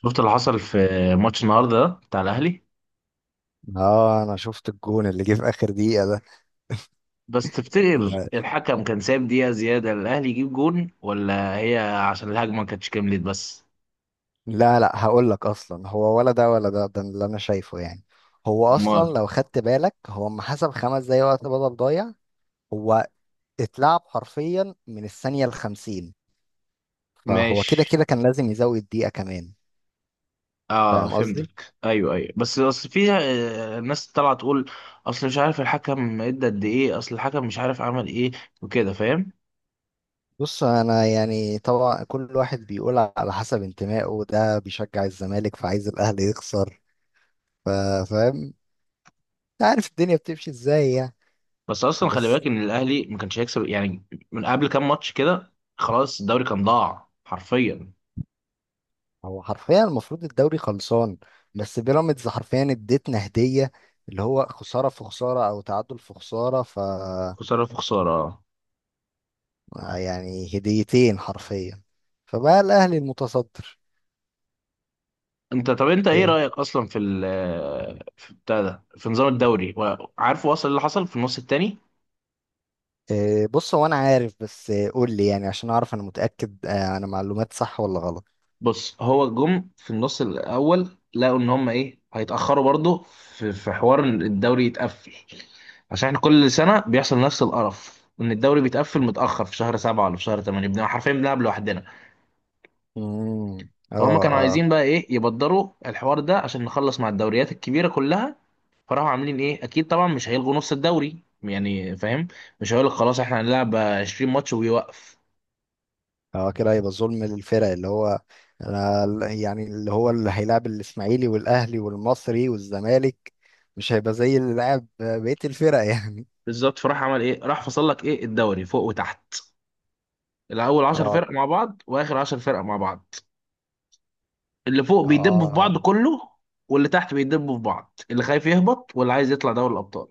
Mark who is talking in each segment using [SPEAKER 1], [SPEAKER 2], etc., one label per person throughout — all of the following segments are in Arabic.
[SPEAKER 1] شفت اللي حصل في ماتش النهارده ده بتاع الاهلي.
[SPEAKER 2] اه انا شفت الجون اللي جه في اخر دقيقة ده.
[SPEAKER 1] بس تفتكر
[SPEAKER 2] ده-
[SPEAKER 1] الحكم كان سايب دقيقه زياده الاهلي يجيب جون، ولا هي عشان الهجمه ما كانتش كملت بس؟
[SPEAKER 2] لا لا، هقول لك اصلا، هو ولا ده ولا ده، ده اللي انا شايفه يعني. هو
[SPEAKER 1] امال.
[SPEAKER 2] اصلا لو خدت بالك، هو اما حسب خمس دقايق وقت بدل ضايع. هو اتلعب حرفيا من الثانية الخمسين، فهو كده
[SPEAKER 1] ماشي.
[SPEAKER 2] كده كان لازم يزود دقيقة كمان.
[SPEAKER 1] اه،
[SPEAKER 2] فاهم قصدي؟
[SPEAKER 1] فهمتك. ايوه، ايوه، بس اصل في ناس طالعه تقول اصل مش عارف الحكم ادى قد ايه، اصل الحكم مش عارف عمل ايه وكده، فاهم؟
[SPEAKER 2] بص، انا يعني طبعا كل واحد بيقول على حسب انتمائه، ده بيشجع الزمالك فعايز الاهلي يخسر. ف- فاهم؟ أنت عارف الدنيا بتمشي ازاي يعني.
[SPEAKER 1] بس اصلا خلي
[SPEAKER 2] بس
[SPEAKER 1] بالك ان الاهلي ما كانش هيكسب يعني، من قبل كام ماتش كده خلاص الدوري كان ضاع حرفيا.
[SPEAKER 2] هو حرفيا المفروض الدوري خلصان، بس بيراميدز حرفيا اديتنا هدية، اللي هو خسارة في خسارة أو تعادل في خسارة، ف
[SPEAKER 1] خساره في خساره.
[SPEAKER 2] يعني هديتين حرفيا. فبقى الأهلي المتصدر.
[SPEAKER 1] انت طب انت ايه
[SPEAKER 2] إيه.
[SPEAKER 1] رأيك اصلا في ال، في بتاع ده، في نظام الدوري، وعارف وصل اللي حصل في النص التاني؟
[SPEAKER 2] إيه، بص هو أنا عارف، بس إيه، قول لي يعني عشان أعرف أنا متأكد، أنا معلومات صح ولا غلط.
[SPEAKER 1] بص، هو جم في النص الاول لقوا ان هم ايه هيتأخروا برضه، في حوار إن الدوري يتقفل عشان احنا كل سنة بيحصل نفس القرف ان الدوري بيتقفل متأخر في شهر سبعة ولا في شهر تمانية، بنبقى حرفيا بنلعب لوحدنا. فهم كانوا
[SPEAKER 2] اه.
[SPEAKER 1] عايزين بقى ايه يبدروا الحوار ده عشان نخلص مع الدوريات الكبيرة كلها. فراحوا عاملين ايه، اكيد طبعا مش هيلغوا نص الدوري يعني، فاهم؟ مش هيقول لك خلاص احنا هنلعب 20 ماتش ويوقف.
[SPEAKER 2] اه كده هيبقى ظلم للفرق، اللي هو انا يعني، اللي هو اللي هيلعب الاسماعيلي والاهلي والمصري والزمالك، مش هيبقى زي اللي لعب بقية الفرق يعني.
[SPEAKER 1] بالظبط، فراح عمل ايه، راح فصل لك ايه الدوري فوق وتحت. الاول 10
[SPEAKER 2] اه.
[SPEAKER 1] فرق مع بعض، واخر 10 فرق مع بعض. اللي فوق بيدبوا في بعض
[SPEAKER 2] اه
[SPEAKER 1] كله، واللي تحت بيدبوا في بعض، اللي خايف يهبط واللي عايز يطلع دوري الابطال.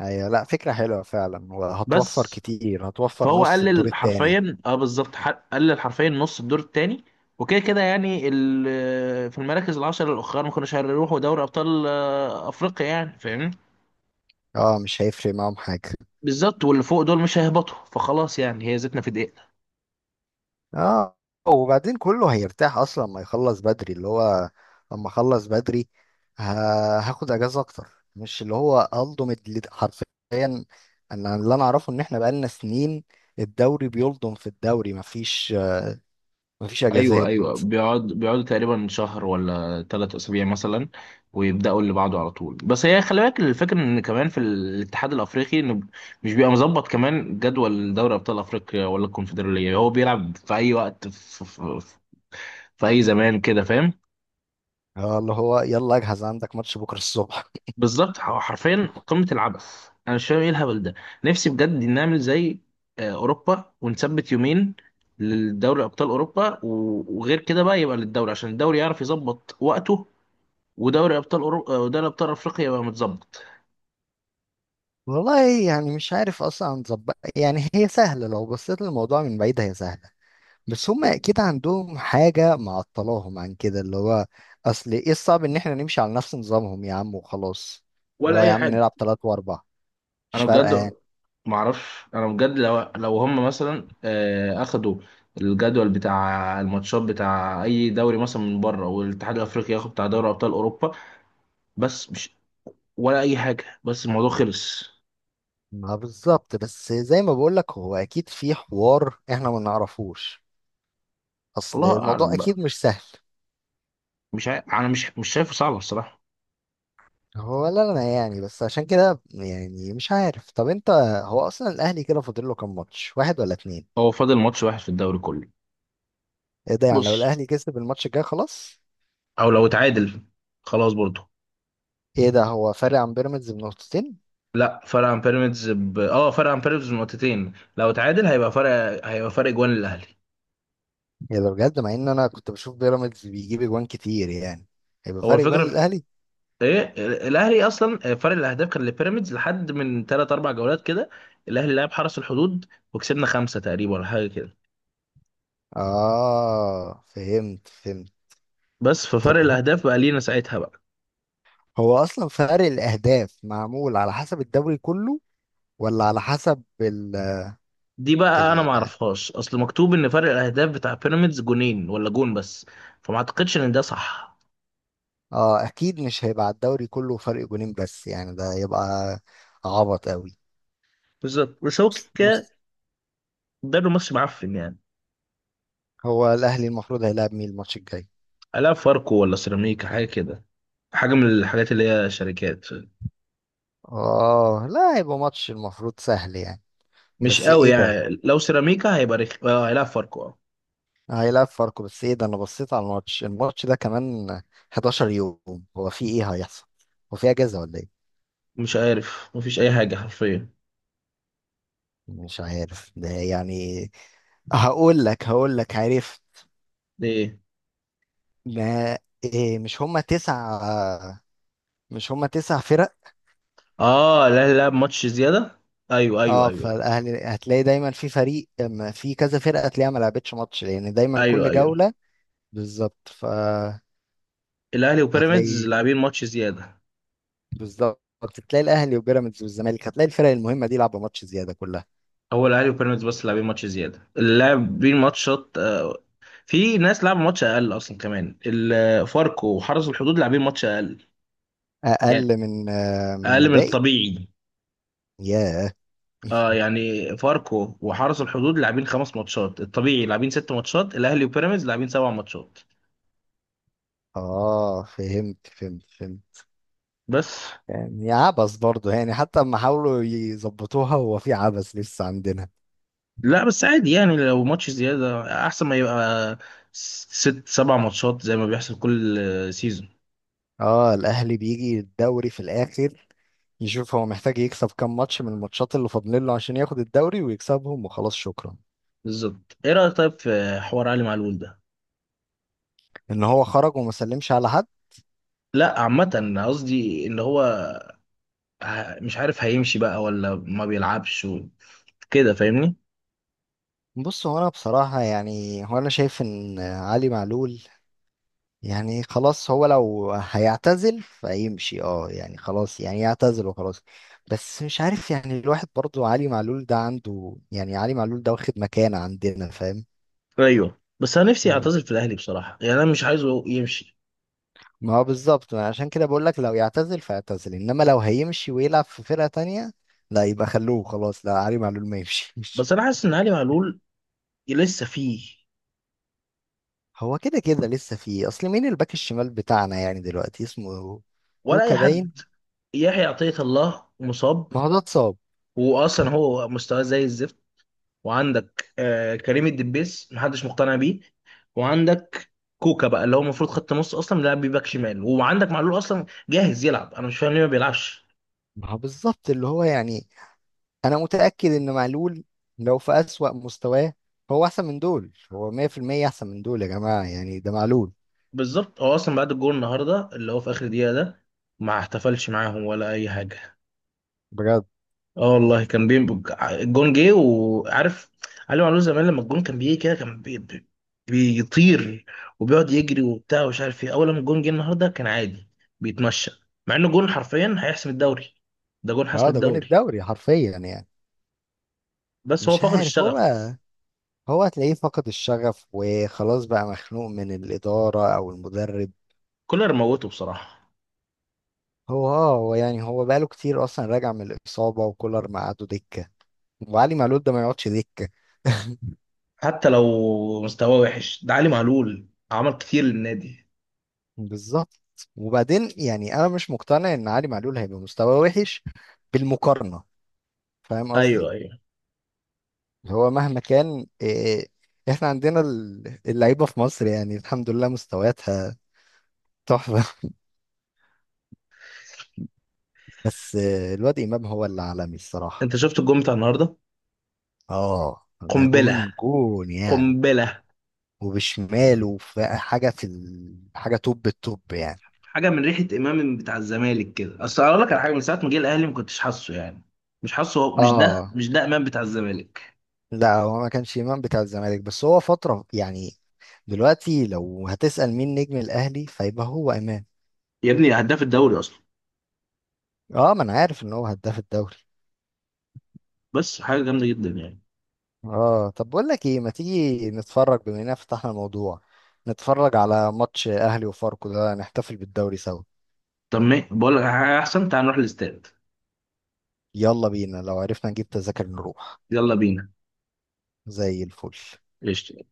[SPEAKER 2] ايوه، لا فكرة حلوة فعلا، وهتوفر
[SPEAKER 1] بس
[SPEAKER 2] كتير، هتوفر
[SPEAKER 1] فهو
[SPEAKER 2] نص الدور
[SPEAKER 1] قلل
[SPEAKER 2] التاني.
[SPEAKER 1] حرفيا، اه بالظبط، قلل حرفيا نص الدور التاني. وكده كده يعني في المراكز العشر الاخرى ما كانوش هيروحوا دوري ابطال افريقيا يعني، فاهمني؟
[SPEAKER 2] اه مش هيفرق معاهم حاجة.
[SPEAKER 1] بالظبط، واللي فوق دول مش هيهبطوا، فخلاص يعني هي زيتنا في دقيقنا.
[SPEAKER 2] اه، وبعدين كله هيرتاح اصلا لما يخلص بدري، اللي هو لما اخلص بدري، ه- هاخد اجازه اكتر. مش اللي هو الضم حرفيا. انا اللي انا اعرفه ان احنا بقالنا سنين، الدوري بيلضم في الدوري، مفيش مفيش
[SPEAKER 1] ايوه،
[SPEAKER 2] اجازات.
[SPEAKER 1] ايوه، بيقعدوا تقريبا شهر ولا ثلاث اسابيع مثلا، ويبداوا اللي بعده على طول. بس هي خلي بالك الفكره ان كمان في الاتحاد الافريقي، انه مش بيبقى مظبط كمان جدول دوري ابطال افريقيا ولا الكونفدراليه، هو بيلعب في اي وقت، في اي زمان كده، فاهم؟
[SPEAKER 2] اه، اللي هو يلا اجهز عندك ماتش بكره الصبح.
[SPEAKER 1] بالظبط، حرفيا قمة العبث، انا مش فاهم ايه الهبل ده. نفسي بجد نعمل زي اوروبا، ونثبت يومين للدوري ابطال اوروبا، وغير كده بقى يبقى للدوري، عشان الدوري يعرف يظبط وقته، ودوري ابطال اوروبا ودوري ابطال افريقيا يبقى متظبط.
[SPEAKER 2] والله يعني مش عارف اصلا نظبط، يعني هي سهله لو بصيت للموضوع من بعيد، هي سهله، بس هم اكيد عندهم حاجة معطلاهم عن كده. اللي هو اصل ايه الصعب ان احنا نمشي على نفس نظامهم يا عم، وخلاص. اللي
[SPEAKER 1] ولا
[SPEAKER 2] هو يا
[SPEAKER 1] اي
[SPEAKER 2] عم
[SPEAKER 1] حاجه.
[SPEAKER 2] نلعب تلات واربع، مش
[SPEAKER 1] انا
[SPEAKER 2] فارقة
[SPEAKER 1] بجد
[SPEAKER 2] يعني.
[SPEAKER 1] ما اعرفش، انا بجد لو هم مثلا اخدوا الجدول بتاع الماتشات بتاع اي دوري مثلا من بره، والاتحاد الافريقي ياخد بتاع دوري ابطال اوروبا. بس مش، ولا اي حاجه، بس الموضوع خلص.
[SPEAKER 2] ما بالظبط، بس زي ما بقولك هو اكيد في حوار احنا ما نعرفوش، اصل
[SPEAKER 1] الله
[SPEAKER 2] الموضوع
[SPEAKER 1] اعلم بقى،
[SPEAKER 2] اكيد مش سهل.
[SPEAKER 1] مش عارف، انا مش شايفه صعبه الصراحه.
[SPEAKER 2] هو ولا انا يعني، بس عشان كده يعني، مش عارف. طب انت، هو اصلا الاهلي كده فاضل له كام ماتش، واحد ولا اتنين؟
[SPEAKER 1] هو فاضل ماتش واحد في الدوري كله.
[SPEAKER 2] ايه ده؟ يعني لو
[SPEAKER 1] بص،
[SPEAKER 2] الاهلي كسب الماتش الجاي خلاص.
[SPEAKER 1] او لو اتعادل خلاص برضه.
[SPEAKER 2] ايه ده؟ هو فارق عن بيراميدز بنقطتين.
[SPEAKER 1] لا، فرق عن بيراميدز اه فرق عن بيراميدز بنقطتين، لو اتعادل هيبقى فرق، هيبقى فرق جوان للاهلي.
[SPEAKER 2] يا ده بجد، مع ان انا كنت بشوف بيراميدز بيجيب اجوان كتير يعني. هيبقى
[SPEAKER 1] هو
[SPEAKER 2] فرق اجوان
[SPEAKER 1] الفكره
[SPEAKER 2] للاهلي.
[SPEAKER 1] ايه، الاهلي اصلا فرق الاهداف كان لبيراميدز لحد من ثلاث اربع جولات كده. الاهلي لعب حرس الحدود وكسبنا خمسه تقريبا ولا حاجه كده،
[SPEAKER 2] اه فهمت فهمت.
[SPEAKER 1] بس ففرق
[SPEAKER 2] طب هو،
[SPEAKER 1] الاهداف بقى لينا ساعتها بقى.
[SPEAKER 2] هو اصلا فرق الاهداف معمول على حسب الدوري كله، ولا على حسب ال
[SPEAKER 1] دي بقى انا
[SPEAKER 2] ال
[SPEAKER 1] ما اعرفهاش، اصل مكتوب ان فرق الاهداف بتاع بيراميدز جونين ولا جون بس، فما اعتقدش ان ده صح.
[SPEAKER 2] اه اكيد مش هيبقى على الدوري كله فرق جونين بس يعني، ده هيبقى عبط قوي.
[SPEAKER 1] بالظبط، بس هو كده،
[SPEAKER 2] بص،
[SPEAKER 1] ده ماتش معفن يعني.
[SPEAKER 2] هو الاهلي المفروض هيلعب مين الماتش الجاي؟
[SPEAKER 1] الا فاركو ولا سيراميكا حاجه كده، حاجه من الحاجات اللي هي شركات.
[SPEAKER 2] اه لا، هيبقى ماتش المفروض سهل يعني.
[SPEAKER 1] مش
[SPEAKER 2] بس
[SPEAKER 1] قوي
[SPEAKER 2] ايه ده؟
[SPEAKER 1] يعني، لو سيراميكا هيبقى رخ، اه هيلعب فاركو اه.
[SPEAKER 2] هيلاعب فاركو، بس ايه ده، انا بصيت على الماتش، الماتش ده كمان 11 يوم. هو في ايه هيحصل؟ هو في اجازة ولا ايه؟
[SPEAKER 1] مش عارف، مفيش اي حاجه حرفيا.
[SPEAKER 2] مش عارف ده يعني. هقول لك عارف.
[SPEAKER 1] دي ايه؟
[SPEAKER 2] ما إيه، مش هما تسع فرق؟
[SPEAKER 1] اه الاهلي لعب ماتش زياده. ايوه، ايوه،
[SPEAKER 2] اه،
[SPEAKER 1] ايوه.
[SPEAKER 2] فالاهلي هتلاقي دايما في فريق، أما في كذا فرقة هتلاقيها ما لعبتش ماتش، لان دايما
[SPEAKER 1] ايوه،
[SPEAKER 2] كل
[SPEAKER 1] ايوه.
[SPEAKER 2] جولة بالظبط فهتلاقي.
[SPEAKER 1] الاهلي وبيراميدز لاعبين ماتش زياده.
[SPEAKER 2] بالظبط هتلاقي الاهلي وبيراميدز والزمالك، هتلاقي الفرق المهمة دي لعبوا ماتش زيادة كلها.
[SPEAKER 1] هو الاهلي وبيراميدز بس لاعبين ماتش زياده، اللاعبين ماتشات في ناس لعبوا ماتش اقل اصلا، كمان فاركو وحرس الحدود لاعبين ماتش اقل يعني،
[SPEAKER 2] اقل من من
[SPEAKER 1] اقل من
[SPEAKER 2] الباقي.
[SPEAKER 1] الطبيعي.
[SPEAKER 2] ياه.
[SPEAKER 1] اه يعني فاركو وحرس الحدود لاعبين خمس ماتشات، الطبيعي لاعبين ست ماتشات، الاهلي وبيراميدز لاعبين سبع ماتشات.
[SPEAKER 2] اه فهمت فهمت فهمت.
[SPEAKER 1] بس.
[SPEAKER 2] يعني عبث برضه يعني، حتى اما حاولوا يظبطوها هو في عبث لسه عندنا.
[SPEAKER 1] لا بس عادي يعني، لو ماتش زياده احسن ما يبقى ست سبع ماتشات زي ما بيحصل كل سيزون.
[SPEAKER 2] اه الاهلي بيجي الدوري في الاخر، يشوف هو محتاج يكسب كام ماتش من الماتشات اللي فاضلين له عشان ياخد الدوري، ويكسبهم وخلاص، شكرا.
[SPEAKER 1] بالظبط. ايه رايك طيب في حوار علي معلول ده؟
[SPEAKER 2] ان هو خرج وما سلمش على حد.
[SPEAKER 1] لا، عامة قصدي ان هو مش عارف هيمشي بقى ولا ما بيلعبش كده، فاهمني؟
[SPEAKER 2] بص، هو انا بصراحة يعني هو انا شايف ان علي معلول، يعني خلاص هو لو هيعتزل فيمشي، اه يعني خلاص يعني يعتزل وخلاص. بس مش عارف يعني، الواحد برضو علي معلول ده عنده يعني، علي معلول ده واخد مكانة عندنا، فاهم؟
[SPEAKER 1] ايوه، بس انا نفسي اعتزل في الاهلي بصراحه يعني، انا مش عايزه يمشي.
[SPEAKER 2] ما هو بالظبط، ما عشان كده بقول لك، لو يعتزل فيعتزل، انما لو هيمشي ويلعب في فرقة تانية لا، يبقى خلوه خلاص، لا علي معلول ما يمشيش.
[SPEAKER 1] بس انا حاسس ان علي معلول لسه فيه.
[SPEAKER 2] هو كده كده لسه فيه، اصل مين الباك الشمال بتاعنا يعني دلوقتي؟ اسمه
[SPEAKER 1] ولا اي
[SPEAKER 2] كوكا باين.
[SPEAKER 1] حد، يحيى عطيه الله مصاب،
[SPEAKER 2] ما هو ده اتصاب.
[SPEAKER 1] واصلا هو مستواه زي الزفت. وعندك آه كريم الدبيس محدش مقتنع بيه، وعندك كوكا بقى اللي هو المفروض خط نص اصلا لاعب باك شمال، وعندك معلول اصلا جاهز يلعب، انا مش فاهم ليه ما بيلعبش.
[SPEAKER 2] ما هو بالظبط، اللي هو يعني انا متاكد ان معلول لو في اسوأ مستواه هو احسن من دول، هو 100% احسن من دول يا جماعه، يعني ده معلول.
[SPEAKER 1] بالظبط، هو اصلا بعد الجول النهارده اللي هو في اخر دقيقه ده ما احتفلش معاهم ولا اي حاجه.
[SPEAKER 2] بجد.
[SPEAKER 1] اه والله كان بين. الجون جه وعارف، علي معلول زمان لما الجون كان بيجي كده كان بيطير وبيقعد يجري وبتاع ومش عارف ايه. اول ما الجون جه النهارده كان عادي، بيتمشى، مع انه جون حرفيا هيحسم الدوري. ده جون حسم
[SPEAKER 2] اه ده جون
[SPEAKER 1] الدوري،
[SPEAKER 2] الدوري حرفيا يعني.
[SPEAKER 1] بس هو
[SPEAKER 2] مش
[SPEAKER 1] فقد
[SPEAKER 2] عارف
[SPEAKER 1] الشغف.
[SPEAKER 2] هو، هتلاقيه فقد الشغف وخلاص، بقى مخنوق من الاداره او المدرب.
[SPEAKER 1] كولر موته بصراحه.
[SPEAKER 2] هو يعني هو بقاله كتير اصلا راجع من الاصابه، وكولر مقعده دكه، وعلي معلول ده ما يقعدش دكه.
[SPEAKER 1] حتى لو مستواه وحش، ده علي معلول عمل كتير للنادي.
[SPEAKER 2] بالظبط. وبعدين يعني انا مش مقتنع ان علي معلول هيبقى مستواه وحش بالمقارنه، فاهم قصدي؟
[SPEAKER 1] ايوه، ايوه.
[SPEAKER 2] هو مهما كان إيه، احنا عندنا اللعيبه في مصر يعني، الحمد لله مستوياتها تحفه. بس الواد امام هو اللي عالمي الصراحه.
[SPEAKER 1] انت شفت الجون بتاع النهارده؟
[SPEAKER 2] اه ده جون
[SPEAKER 1] قنبله،
[SPEAKER 2] جون يعني.
[SPEAKER 1] قنبله.
[SPEAKER 2] وبشماله، وفي حاجه في حاجه توب التوب يعني.
[SPEAKER 1] حاجه من ريحه امام بتاع الزمالك كده. اصل اقول لك على حاجه، من ساعه ما جه الاهلي ما كنتش حاسه يعني، مش حاسه هو، مش ده،
[SPEAKER 2] اه
[SPEAKER 1] مش ده امام بتاع الزمالك.
[SPEAKER 2] لا، هو ما كانش امام بتاع الزمالك، بس هو فتره يعني. دلوقتي لو هتسال مين نجم الاهلي فيبقى هو امام.
[SPEAKER 1] يا ابني هداف الدوري اصلا،
[SPEAKER 2] اه، ما انا عارف ان هو هداف الدوري.
[SPEAKER 1] بس حاجه جامده جدا يعني.
[SPEAKER 2] اه، طب بقول لك ايه، ما تيجي نتفرج، بما اننا فتحنا الموضوع، نتفرج على ماتش اهلي وفاركو ده، نحتفل بالدوري سوا.
[SPEAKER 1] طب ما بقول لك على حاجه احسن، تعال نروح الاستاد.
[SPEAKER 2] يلا بينا، لو عرفنا نجيب تذاكر نروح.
[SPEAKER 1] يلا بينا.
[SPEAKER 2] زي الفل.
[SPEAKER 1] قشطة.